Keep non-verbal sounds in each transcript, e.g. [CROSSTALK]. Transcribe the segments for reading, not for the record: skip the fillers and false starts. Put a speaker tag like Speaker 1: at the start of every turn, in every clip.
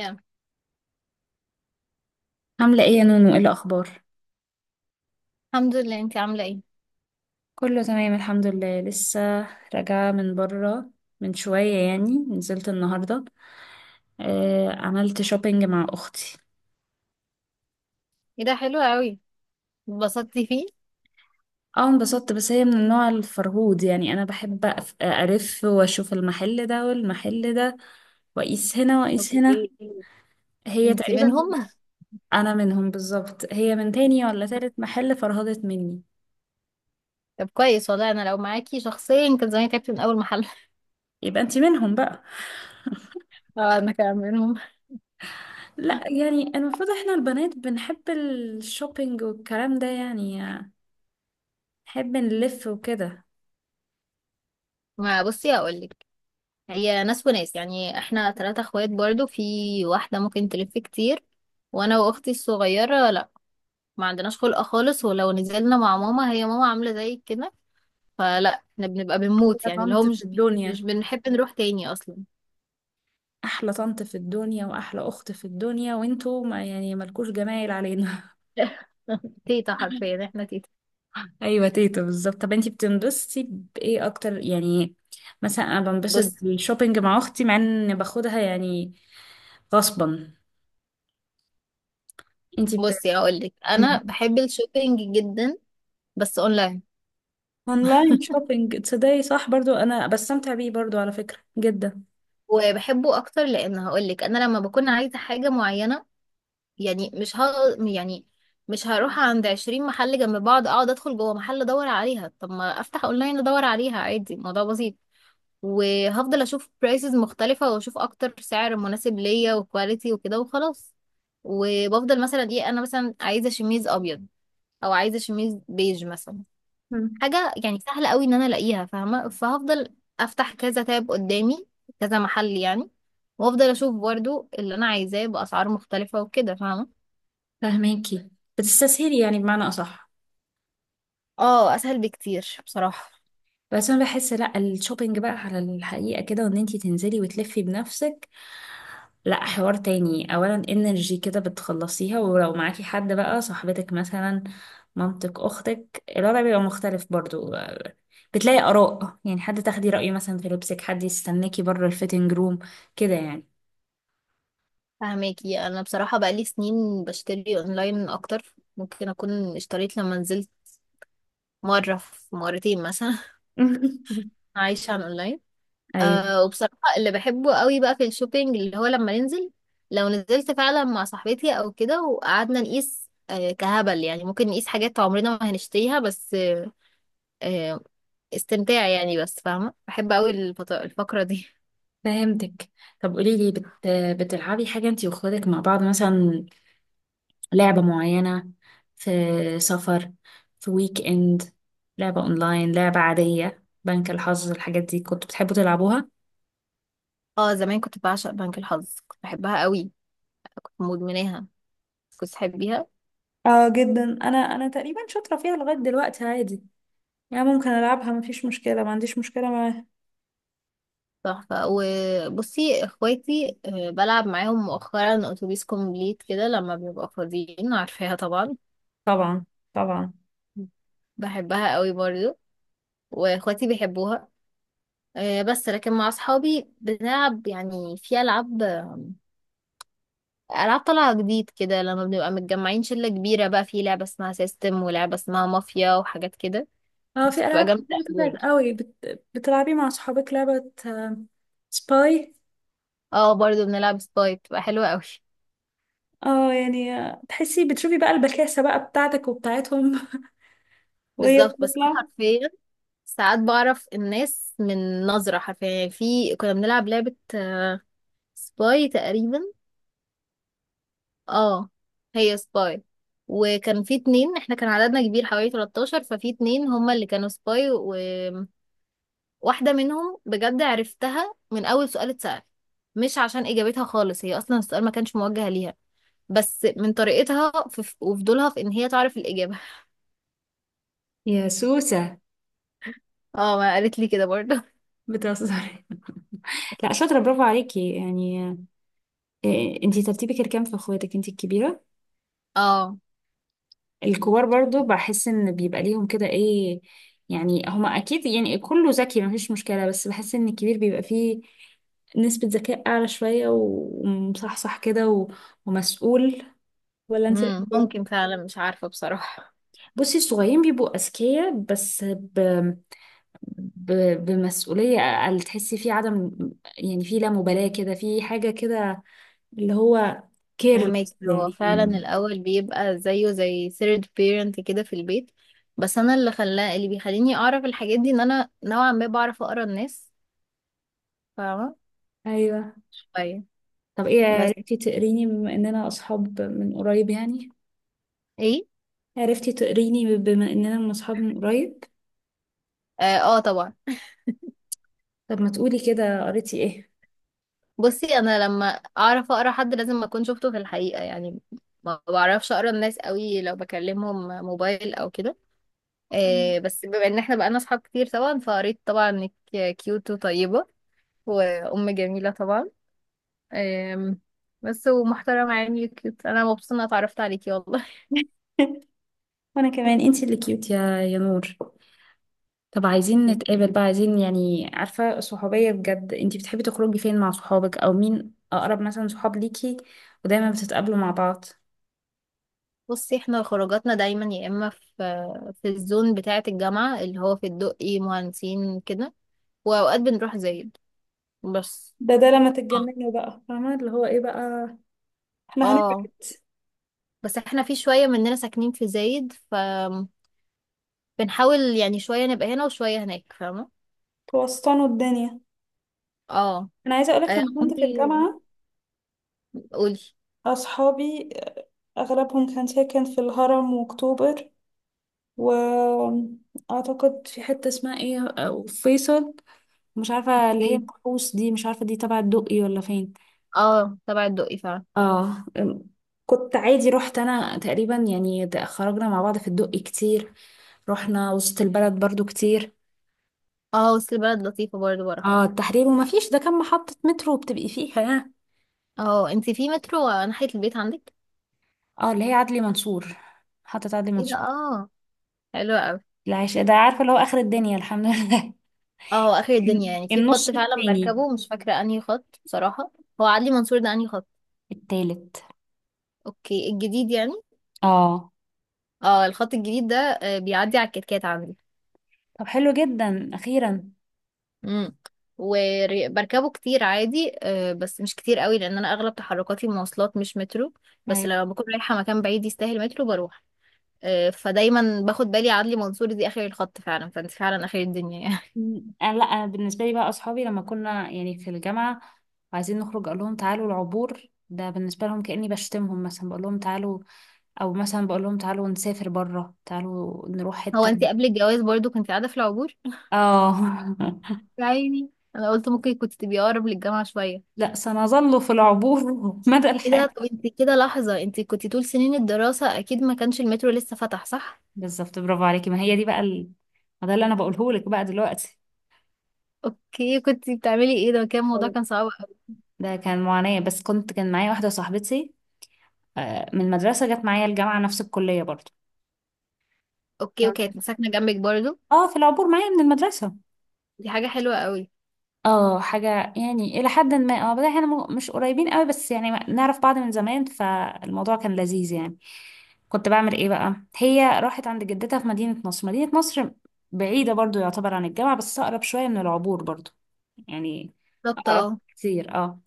Speaker 1: يا.
Speaker 2: عاملة ايه يا نونو؟ ايه الأخبار؟
Speaker 1: الحمد لله، انتي عاملة ايه؟
Speaker 2: كله تمام الحمد لله، لسه راجعة من برا من شوية. يعني نزلت النهاردة. آه، عملت شوبينج مع أختي.
Speaker 1: ايه ده، حلو قوي. اتبسطتي فيه؟
Speaker 2: اه انبسطت، بس هي من النوع الفرهود. يعني أنا بحب ألف وأشوف المحل ده والمحل ده وأقيس هنا وأقيس هنا.
Speaker 1: اوكي.
Speaker 2: هي
Speaker 1: انتي
Speaker 2: تقريبا
Speaker 1: منهم؟
Speaker 2: أنا منهم بالظبط، هي من تاني ولا تالت محل فرهدت مني.
Speaker 1: طب كويس والله، انا لو معاكي شخصيا كان زماني تعبت من اول محل. [LAUGHS]
Speaker 2: يبقى انتي منهم بقى.
Speaker 1: اه انا كمان منهم.
Speaker 2: لا يعني المفروض احنا البنات بنحب الشوبينج والكلام ده، يعني نحب نلف وكده.
Speaker 1: ما بصي هقولك، هي ناس وناس، يعني احنا ثلاثة اخوات برضو، في واحدة ممكن تلف كتير، وانا واختي الصغيرة لا، ما عندناش خلق خالص. ولو نزلنا مع ماما، هي ماما عاملة زي كده، فلا احنا بنبقى بنموت،
Speaker 2: يا
Speaker 1: يعني اللي هو
Speaker 2: طنط في
Speaker 1: مش
Speaker 2: الدنيا،
Speaker 1: مش بنحب نروح تاني اصلا.
Speaker 2: احلى طنط في الدنيا واحلى اخت في الدنيا، وانتوا ما يعني ملكوش جمايل علينا.
Speaker 1: [LAUGHS] تيتا، حرفيا
Speaker 2: [LAUGHS]
Speaker 1: احنا تيتا.
Speaker 2: ايوه تيتا بالظبط. طب انتي بتنبسطي بايه اكتر يعني؟ مثلا انا بنبسط
Speaker 1: بص
Speaker 2: بالشوبينج مع اختي، مع ان باخدها يعني غصبا. انتي ب...
Speaker 1: بصي هقولك،
Speaker 2: مم.
Speaker 1: انا بحب الشوبينج جدا، بس اونلاين.
Speaker 2: اونلاين شوبينج، تصدقي صح؟ برضو انا بستمتع بيه برضو على فكرة جدا.
Speaker 1: وبحبه اكتر، لان هقولك انا لما بكون عايزه حاجه معينه، يعني مش ه... يعني مش هروح عند 20 محل جنب بعض، اقعد ادخل جوه محل ادور عليها، طب ما افتح اونلاين ادور عليها، عادي الموضوع بسيط. وهفضل اشوف برايسز مختلفه واشوف اكتر سعر مناسب ليا وكواليتي وكده وخلاص. وبفضل مثلا ايه، انا مثلا عايزه شميز ابيض، او عايزه شميز بيج مثلا،
Speaker 2: مم.
Speaker 1: حاجة يعني سهلة قوي ان انا الاقيها، فاهمة؟ فهفضل افتح كذا تاب قدامي، كذا محل يعني، وافضل اشوف برضو اللي انا عايزاه باسعار مختلفة وكده، فاهمة؟
Speaker 2: فهماكي، بتستسهلي يعني بمعنى اصح.
Speaker 1: اه اسهل بكتير بصراحة.
Speaker 2: بس انا بحس لا، الشوبينج بقى على الحقيقة كده، وان انتي تنزلي وتلفي بنفسك لا حوار تاني. اولا انرجي كده بتخلصيها، ولو معاكي حد بقى صاحبتك مثلا مامتك اختك الوضع بيبقى مختلف برضو. بتلاقي اراء يعني، حد تاخدي رأيه مثلا في لبسك، حد يستناكي بره الفيتنج روم كده يعني.
Speaker 1: فهماكي؟ انا بصراحة بقالي سنين بشتري اونلاين اكتر، ممكن اكون اشتريت لما نزلت مرة في مرتين مثلا. [LAUGHS]
Speaker 2: [LAUGHS]
Speaker 1: عايشة على الاونلاين.
Speaker 2: ايوه
Speaker 1: أه، وبصراحة اللي بحبه قوي بقى في الشوبينج، اللي هو لما ننزل، لو نزلت فعلا مع صاحبتي او كده وقعدنا نقيس، أه كهبل يعني، ممكن نقيس حاجات عمرنا ما هنشتريها، بس أه، آه، استمتاع يعني. بس فاهمة، بحب قوي الفقرة دي.
Speaker 2: فهمتك. طب قولي لي بتلعبي حاجة انتي واخواتك مع بعض مثلا؟ لعبة معينة، في سفر، في ويك اند، لعبة اونلاين، لعبة عادية، بنك الحظ، الحاجات دي كنتوا بتحبوا تلعبوها؟
Speaker 1: [LAUGHS] اه زمان كنت بعشق بنك الحظ، كنت بحبها قوي، كنت مدمناها. كنت تحبيها؟
Speaker 2: اه جدا، انا تقريبا شاطره فيها لغايه دلوقتي عادي. يعني ممكن العبها مفيش مشكله، ما عنديش مشكله معاها.
Speaker 1: تحفة. وبصي اخواتي أه بلعب معاهم مؤخرا اتوبيس كومبليت كده لما بيبقوا فاضيين، عارفاها طبعا.
Speaker 2: طبعا طبعا.
Speaker 1: بحبها قوي برضو، واخواتي بيحبوها. آه، بس لكن مع اصحابي بنلعب يعني في العاب، العاب طالعه جديد كده لما بنبقى متجمعين شله كبيره، بقى في لعبه اسمها سيستم ولعبه اسمها مافيا وحاجات كده.
Speaker 2: اه
Speaker 1: بس
Speaker 2: في
Speaker 1: بتبقى
Speaker 2: العاب
Speaker 1: جامده
Speaker 2: كتير
Speaker 1: أوي
Speaker 2: طلعت
Speaker 1: برضه.
Speaker 2: قوي. بتلعبي مع صحابك لعبه سباي.
Speaker 1: اه برضه بنلعب سباي، بتبقى حلوه قوي. [LAUGHS]
Speaker 2: اه يعني تحسي بتشوفي بقى البكاسه بقى بتاعتك وبتاعتهم. [LAUGHS] وهي
Speaker 1: بالظبط. بس انا
Speaker 2: بتطلع.
Speaker 1: حرفيا ساعات بعرف الناس من نظره، حرفيا يعني. في كنا بنلعب لعبه سباي تقريبا، اه، هي سباي، وكان في اتنين، احنا كان عددنا كبير حوالي 13، ففي اتنين هما اللي كانوا سباي، وواحدة منهم بجد عرفتها من أول سؤال اتسأل، مش عشان إجابتها خالص، هي أصلا السؤال ما كانش موجه ليها، بس من طريقتها في وفضولها في إن هي تعرف الإجابة.
Speaker 2: يا سوسة!
Speaker 1: [LAUGHS] اه ما قالت لي كده برضه.
Speaker 2: بتهزري، لا شاطرة، برافو عليكي يعني. إيه، انتي ترتيبك الكام في اخواتك؟ انتي الكبيرة؟
Speaker 1: [LAUGHS] اه.
Speaker 2: الكبار برضو بحس ان بيبقى ليهم كده ايه يعني، هما اكيد يعني كله ذكي مفيش مشكلة، بس بحس ان الكبير بيبقى فيه نسبة ذكاء اعلى شوية ومصحصح كده ومسؤول. ولا انتي رأيك ايه؟
Speaker 1: ممكن فعلا، مش عارفة بصراحة.
Speaker 2: بصي الصغيرين بيبقوا اذكياء بس ب... بمسؤولية اقل. تحسي في عدم، يعني في لا مبالاة كده، في حاجة كده اللي هو
Speaker 1: فهمك،
Speaker 2: كيرلس
Speaker 1: هو
Speaker 2: يعني.
Speaker 1: فعلا الأول بيبقى زيه زي third parent كده في البيت. بس أنا اللي خلاه، اللي بيخليني أعرف الحاجات دي، إن أنا نوعا ما بعرف أقرأ الناس، فاهمة؟
Speaker 2: ايوه.
Speaker 1: شوية.
Speaker 2: طب ايه
Speaker 1: بس
Speaker 2: عرفتي تقريني بما اننا اصحاب من قريب يعني؟
Speaker 1: إيه،
Speaker 2: عرفتي تقريني بما اننا من اصحاب من قريب؟
Speaker 1: آه, آه طبعا.
Speaker 2: طب ما تقولي كده، قريتي ايه؟
Speaker 1: بصي، أنا لما أعرف أقرأ حد لازم أكون شفته في الحقيقة يعني، ما بعرفش أقرأ الناس قوي لو بكلمهم موبايل أو كده.
Speaker 2: أم.
Speaker 1: آه بس بما إن إحنا بقالنا أصحاب كتير طبعا، فقريت طبعا إنك كيوت وطيبة، وأم جميلة طبعا. أم، بس ومحترمة يعني، كيوت. انا مبسوطة اني اتعرفت عليكي والله.
Speaker 2: [LAUGHS] وانا كمان، انتي اللي كيوت يا نور. طب عايزين نتقابل بقى، عايزين يعني عارفة صحوبية بجد. انتي بتحبي تخرجي فين مع صحابك؟ او مين اقرب مثلا صحاب ليكي ودايما بتتقابلوا مع بعض؟
Speaker 1: بصي احنا خروجاتنا دايما يا اما في في الزون بتاعة الجامعة، اللي هو في الدقي مهندسين كده، واوقات بنروح زايد بس.
Speaker 2: ده لما
Speaker 1: اه.
Speaker 2: تتجننوا بقى، فاهمة اللي هو ايه بقى، احنا هنبعد.
Speaker 1: آه. بس احنا في شوية مننا ساكنين في زايد، فبنحاول يعني شوية نبقى هنا وشوية هناك، فاهمة؟
Speaker 2: توسطنوا الدنيا.
Speaker 1: اه.
Speaker 2: انا عايزة اقولك،
Speaker 1: آه،
Speaker 2: لما كنت في
Speaker 1: عمري
Speaker 2: الجامعة
Speaker 1: قولي.
Speaker 2: أصحابي أغلبهم كان ساكن في الهرم وأكتوبر، وأعتقد في حتة اسمها إيه أو فيصل، مش عارفة اللي هي
Speaker 1: إيه؟
Speaker 2: الكحوس دي، مش عارفة دي تبع الدقي ولا فين.
Speaker 1: اه تبع الدقي فعلا.
Speaker 2: آه أم، كنت عادي، رحت أنا تقريبا يعني خرجنا مع بعض في الدقي كتير. رحنا وسط البلد برضو كتير.
Speaker 1: اه وسط البلد لطيفة برضه، بروح.
Speaker 2: اه التحرير، وما فيش، ده كان محطة مترو بتبقي فيها ها.
Speaker 1: اه، انتي في مترو ناحية البيت عندك؟
Speaker 2: اه اللي هي عدلي منصور، محطة عدلي
Speaker 1: ايه ده،
Speaker 2: منصور.
Speaker 1: اه حلو قوي.
Speaker 2: العيش ده عارفة اللي هو آخر الدنيا، الحمد لله.
Speaker 1: اه هو اخر الدنيا يعني. في
Speaker 2: النص
Speaker 1: خط فعلا
Speaker 2: التاني.
Speaker 1: بركبه مش فاكره انهي خط بصراحه. هو عدلي منصور ده انهي خط؟
Speaker 2: التالت.
Speaker 1: اوكي، الجديد يعني.
Speaker 2: اه
Speaker 1: اه، الخط الجديد ده آه، بيعدي على الكتكات عندي.
Speaker 2: طب حلو جدا اخيرا.
Speaker 1: امم. وبركبه كتير عادي، آه، بس مش كتير قوي، لان انا اغلب تحركاتي مواصلات مش مترو، بس
Speaker 2: أيوة.
Speaker 1: لما بكون رايحه مكان بعيد يستاهل مترو بروح. آه، فدايما باخد بالي عدلي منصور دي اخر الخط فعلا، فانت فعلا اخر الدنيا يعني.
Speaker 2: م- أنا لا أنا بالنسبه لي بقى اصحابي، لما كنا يعني في الجامعه عايزين نخرج، اقول لهم تعالوا العبور، ده بالنسبه لهم كاني بشتمهم مثلا. بقول لهم تعالوا، او مثلا بقول لهم تعالوا نسافر بره، تعالوا نروح
Speaker 1: [LAUGHS] هو
Speaker 2: حته.
Speaker 1: انت قبل الجواز برضو كنت قاعده في العبور؟
Speaker 2: اه.
Speaker 1: يا
Speaker 2: [LAUGHS]
Speaker 1: عيني. انا قلت ممكن كنت تبقي اقرب للجامعة شوية.
Speaker 2: لا، سنظل في العبور [LAUGHS] مدى
Speaker 1: ايه
Speaker 2: الحياه.
Speaker 1: ده؟ طب انت كده، لحظة، انت كنت طول سنين الدراسة اكيد ما كانش المترو لسه فتح، صح؟
Speaker 2: بالظبط برافو عليكي، ما هي دي بقى ما ده اللي انا بقوله لك بقى دلوقتي.
Speaker 1: اوكي، كنت بتعملي ايه؟ ده كان الموضوع
Speaker 2: أيوة.
Speaker 1: كان صعب قوي.
Speaker 2: ده كان معاناة، بس كان معايا واحدة صاحبتي من المدرسة، جت معايا الجامعة نفس الكلية برضو.
Speaker 1: اوكي
Speaker 2: آه.
Speaker 1: وكانت ساكنة جنبك برضو؟
Speaker 2: اه في العبور معايا من المدرسة.
Speaker 1: دي حاجة حلوة قوي.
Speaker 2: اه حاجة يعني إلى حد ما. اه بس احنا مش قريبين قوي، بس يعني نعرف بعض من زمان، فالموضوع كان لذيذ يعني. كنت بعمل ايه بقى؟ هي راحت عند جدتها في مدينة نصر بعيدة برضو يعتبر عن الجامعة، بس أقرب شوية من العبور برضو يعني.
Speaker 1: بالظبط
Speaker 2: أقرب
Speaker 1: اه.
Speaker 2: كتير اه.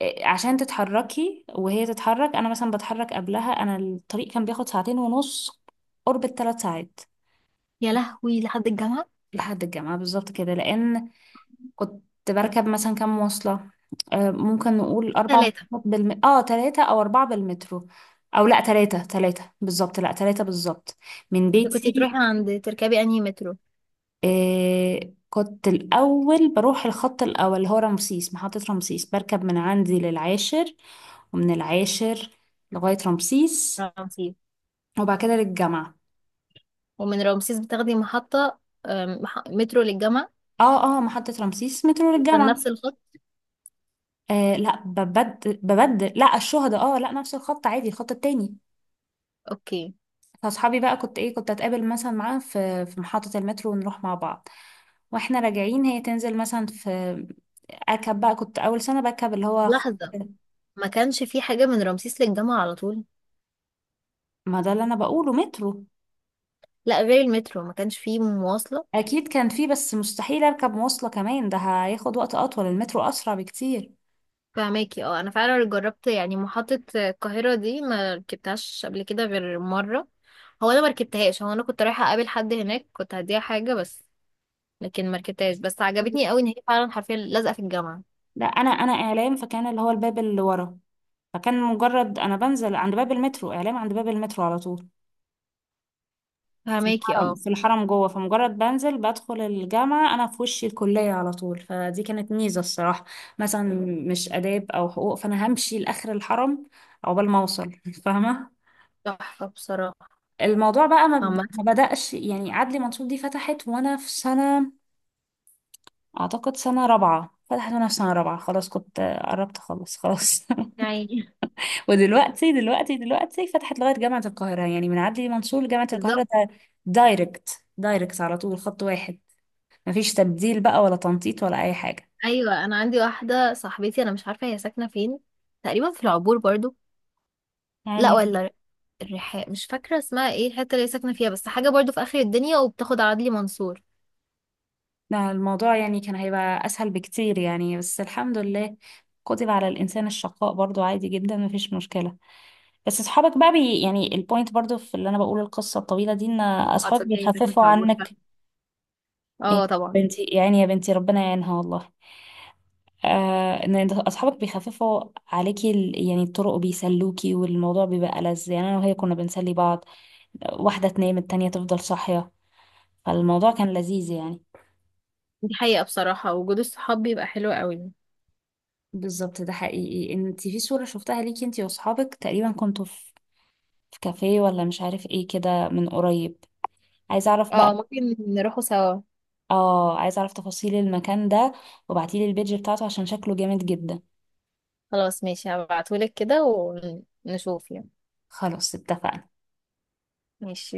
Speaker 2: إيه، عشان تتحركي وهي تتحرك، أنا مثلا بتحرك قبلها. أنا الطريق كان بياخد ساعتين ونص، قرب الـ3 ساعات.
Speaker 1: يا لهوي، لحد الجامعة؟
Speaker 2: لحد الجامعة بالظبط كده. لأن كنت بركب مثلا كام مواصلة، ممكن نقول أربع
Speaker 1: ثلاثة.
Speaker 2: مواصلات اه 3 أو 4. بالمترو أو لأ تلاتة، تلاتة بالظبط، لأ تلاتة بالظبط من
Speaker 1: انت كنت
Speaker 2: بيتي.
Speaker 1: بتروحي عند، تركبي انهي مترو؟
Speaker 2: آه كنت الأول بروح الخط الأول اللي هو رمسيس، محطة رمسيس. بركب من عندي للعاشر، ومن العاشر لغاية رمسيس،
Speaker 1: رمسيس.
Speaker 2: وبعد كده للجامعة.
Speaker 1: ومن رمسيس بتاخدي محطة، مترو للجامعة؟
Speaker 2: اه اه، محطة رمسيس مترو
Speaker 1: وكان
Speaker 2: للجامعة.
Speaker 1: نفس الخط؟
Speaker 2: آه لا، ببدل لا الشهداء، اه لا نفس الخط عادي، الخط التاني.
Speaker 1: اوكي.
Speaker 2: فاصحابي بقى كنت ايه، كنت اتقابل مثلا معاها في محطة المترو ونروح مع بعض. واحنا راجعين هي تنزل مثلا في، اركب بقى كنت اول سنة بركب اللي هو خط.
Speaker 1: لحظة، ما كانش في حاجة من رمسيس للجامعة على طول؟
Speaker 2: ما ده اللي انا بقوله، مترو.
Speaker 1: لا غير المترو، ما كانش فيه مواصلة؟
Speaker 2: اكيد كان فيه، بس مستحيل اركب مواصلة كمان، ده هياخد وقت اطول، المترو اسرع بكتير.
Speaker 1: فماكي اه. انا فعلا جربت يعني محطة القاهرة دي، ما ركبتهاش قبل كده غير مرة. هو انا ما ركبتهاش، هو انا كنت رايحة اقابل حد هناك، كنت هديها حاجة بس، لكن ما ركبتهاش، بس عجبتني قوي ان هي فعلا حرفيا لازقة في الجامعة.
Speaker 2: لا، انا اعلام فكان اللي هو الباب اللي ورا. فكان مجرد انا بنزل عند باب المترو اعلام، عند باب المترو على طول. في
Speaker 1: فماكي
Speaker 2: الحرم
Speaker 1: اه.
Speaker 2: في الحرم جوه. فمجرد بنزل بدخل الجامعة أنا في وشي الكلية على طول، فدي كانت ميزة الصراحة. مثلا مش آداب أو حقوق، فأنا همشي لآخر الحرم عقبال ما أوصل [LAUGHS] فاهمة.
Speaker 1: تحفة بصراحة.
Speaker 2: الموضوع بقى
Speaker 1: عامة
Speaker 2: ما بدأش يعني. عدلي منصور دي فتحت وأنا في سنة، أعتقد سنة رابعة. فتحت وأنا في سنة رابعة خلاص، كنت قربت أخلص خلاص [LAUGHS]
Speaker 1: يعني. [LAUGHS]
Speaker 2: ودلوقتي دلوقتي دلوقتي فتحت لغاية جامعة القاهرة. يعني من عدلي منصور لجامعة القاهرة
Speaker 1: بالظبط.
Speaker 2: ده دايركت دايركت على طول، خط واحد، مفيش تبديل بقى ولا تنطيط ولا أي حاجة
Speaker 1: ايوه انا عندي واحدة صاحبتي، انا مش عارفة هي ساكنة فين، تقريبا في العبور برضو. لا،
Speaker 2: يعني.
Speaker 1: ولا الرحاب، مش فاكرة اسمها ايه الحتة اللي هي ساكنة فيها، بس حاجة برضو في آخر الدنيا وبتاخد على عدلي منصور.
Speaker 2: ده الموضوع يعني كان هيبقى أسهل بكتير يعني، بس الحمد لله كتب على الإنسان الشقاء برضو، عادي جدا مفيش مشكلة. بس أصحابك بقى، يعني البوينت برضو في اللي أنا بقول القصة الطويلة دي، إن
Speaker 1: اه
Speaker 2: أصحابك
Speaker 1: تصدقي ساكنة
Speaker 2: بيخففوا
Speaker 1: في عبورة.
Speaker 2: عنك. يا
Speaker 1: اه طبعا.
Speaker 2: بنتي يعني، يا بنتي ربنا يعينها والله. إن أصحابك بيخففوا عليكي يعني الطرق، وبيسلوكي، والموضوع بيبقى لذ يعني. أنا وهي كنا بنسلي بعض، واحدة تنام التانية تفضل صاحية، فالموضوع كان لذيذ يعني.
Speaker 1: دي حقيقة بصراحة، وجود الصحاب بيبقى حلو قوي.
Speaker 2: بالظبط ده حقيقي. انت في صورة شفتها ليكي انت واصحابك تقريبا، كنتوا في كافيه ولا مش عارف ايه كده، من قريب. عايزة اعرف بقى.
Speaker 1: اه ممكن نروحوا سوا.
Speaker 2: اه عايزة اعرف تفاصيل المكان ده، وبعتيلي البيج بتاعته عشان شكله جامد جدا.
Speaker 1: خلاص ماشي، هبعتهولك كده ونشوف يعني.
Speaker 2: خلاص اتفقنا.
Speaker 1: ماشي.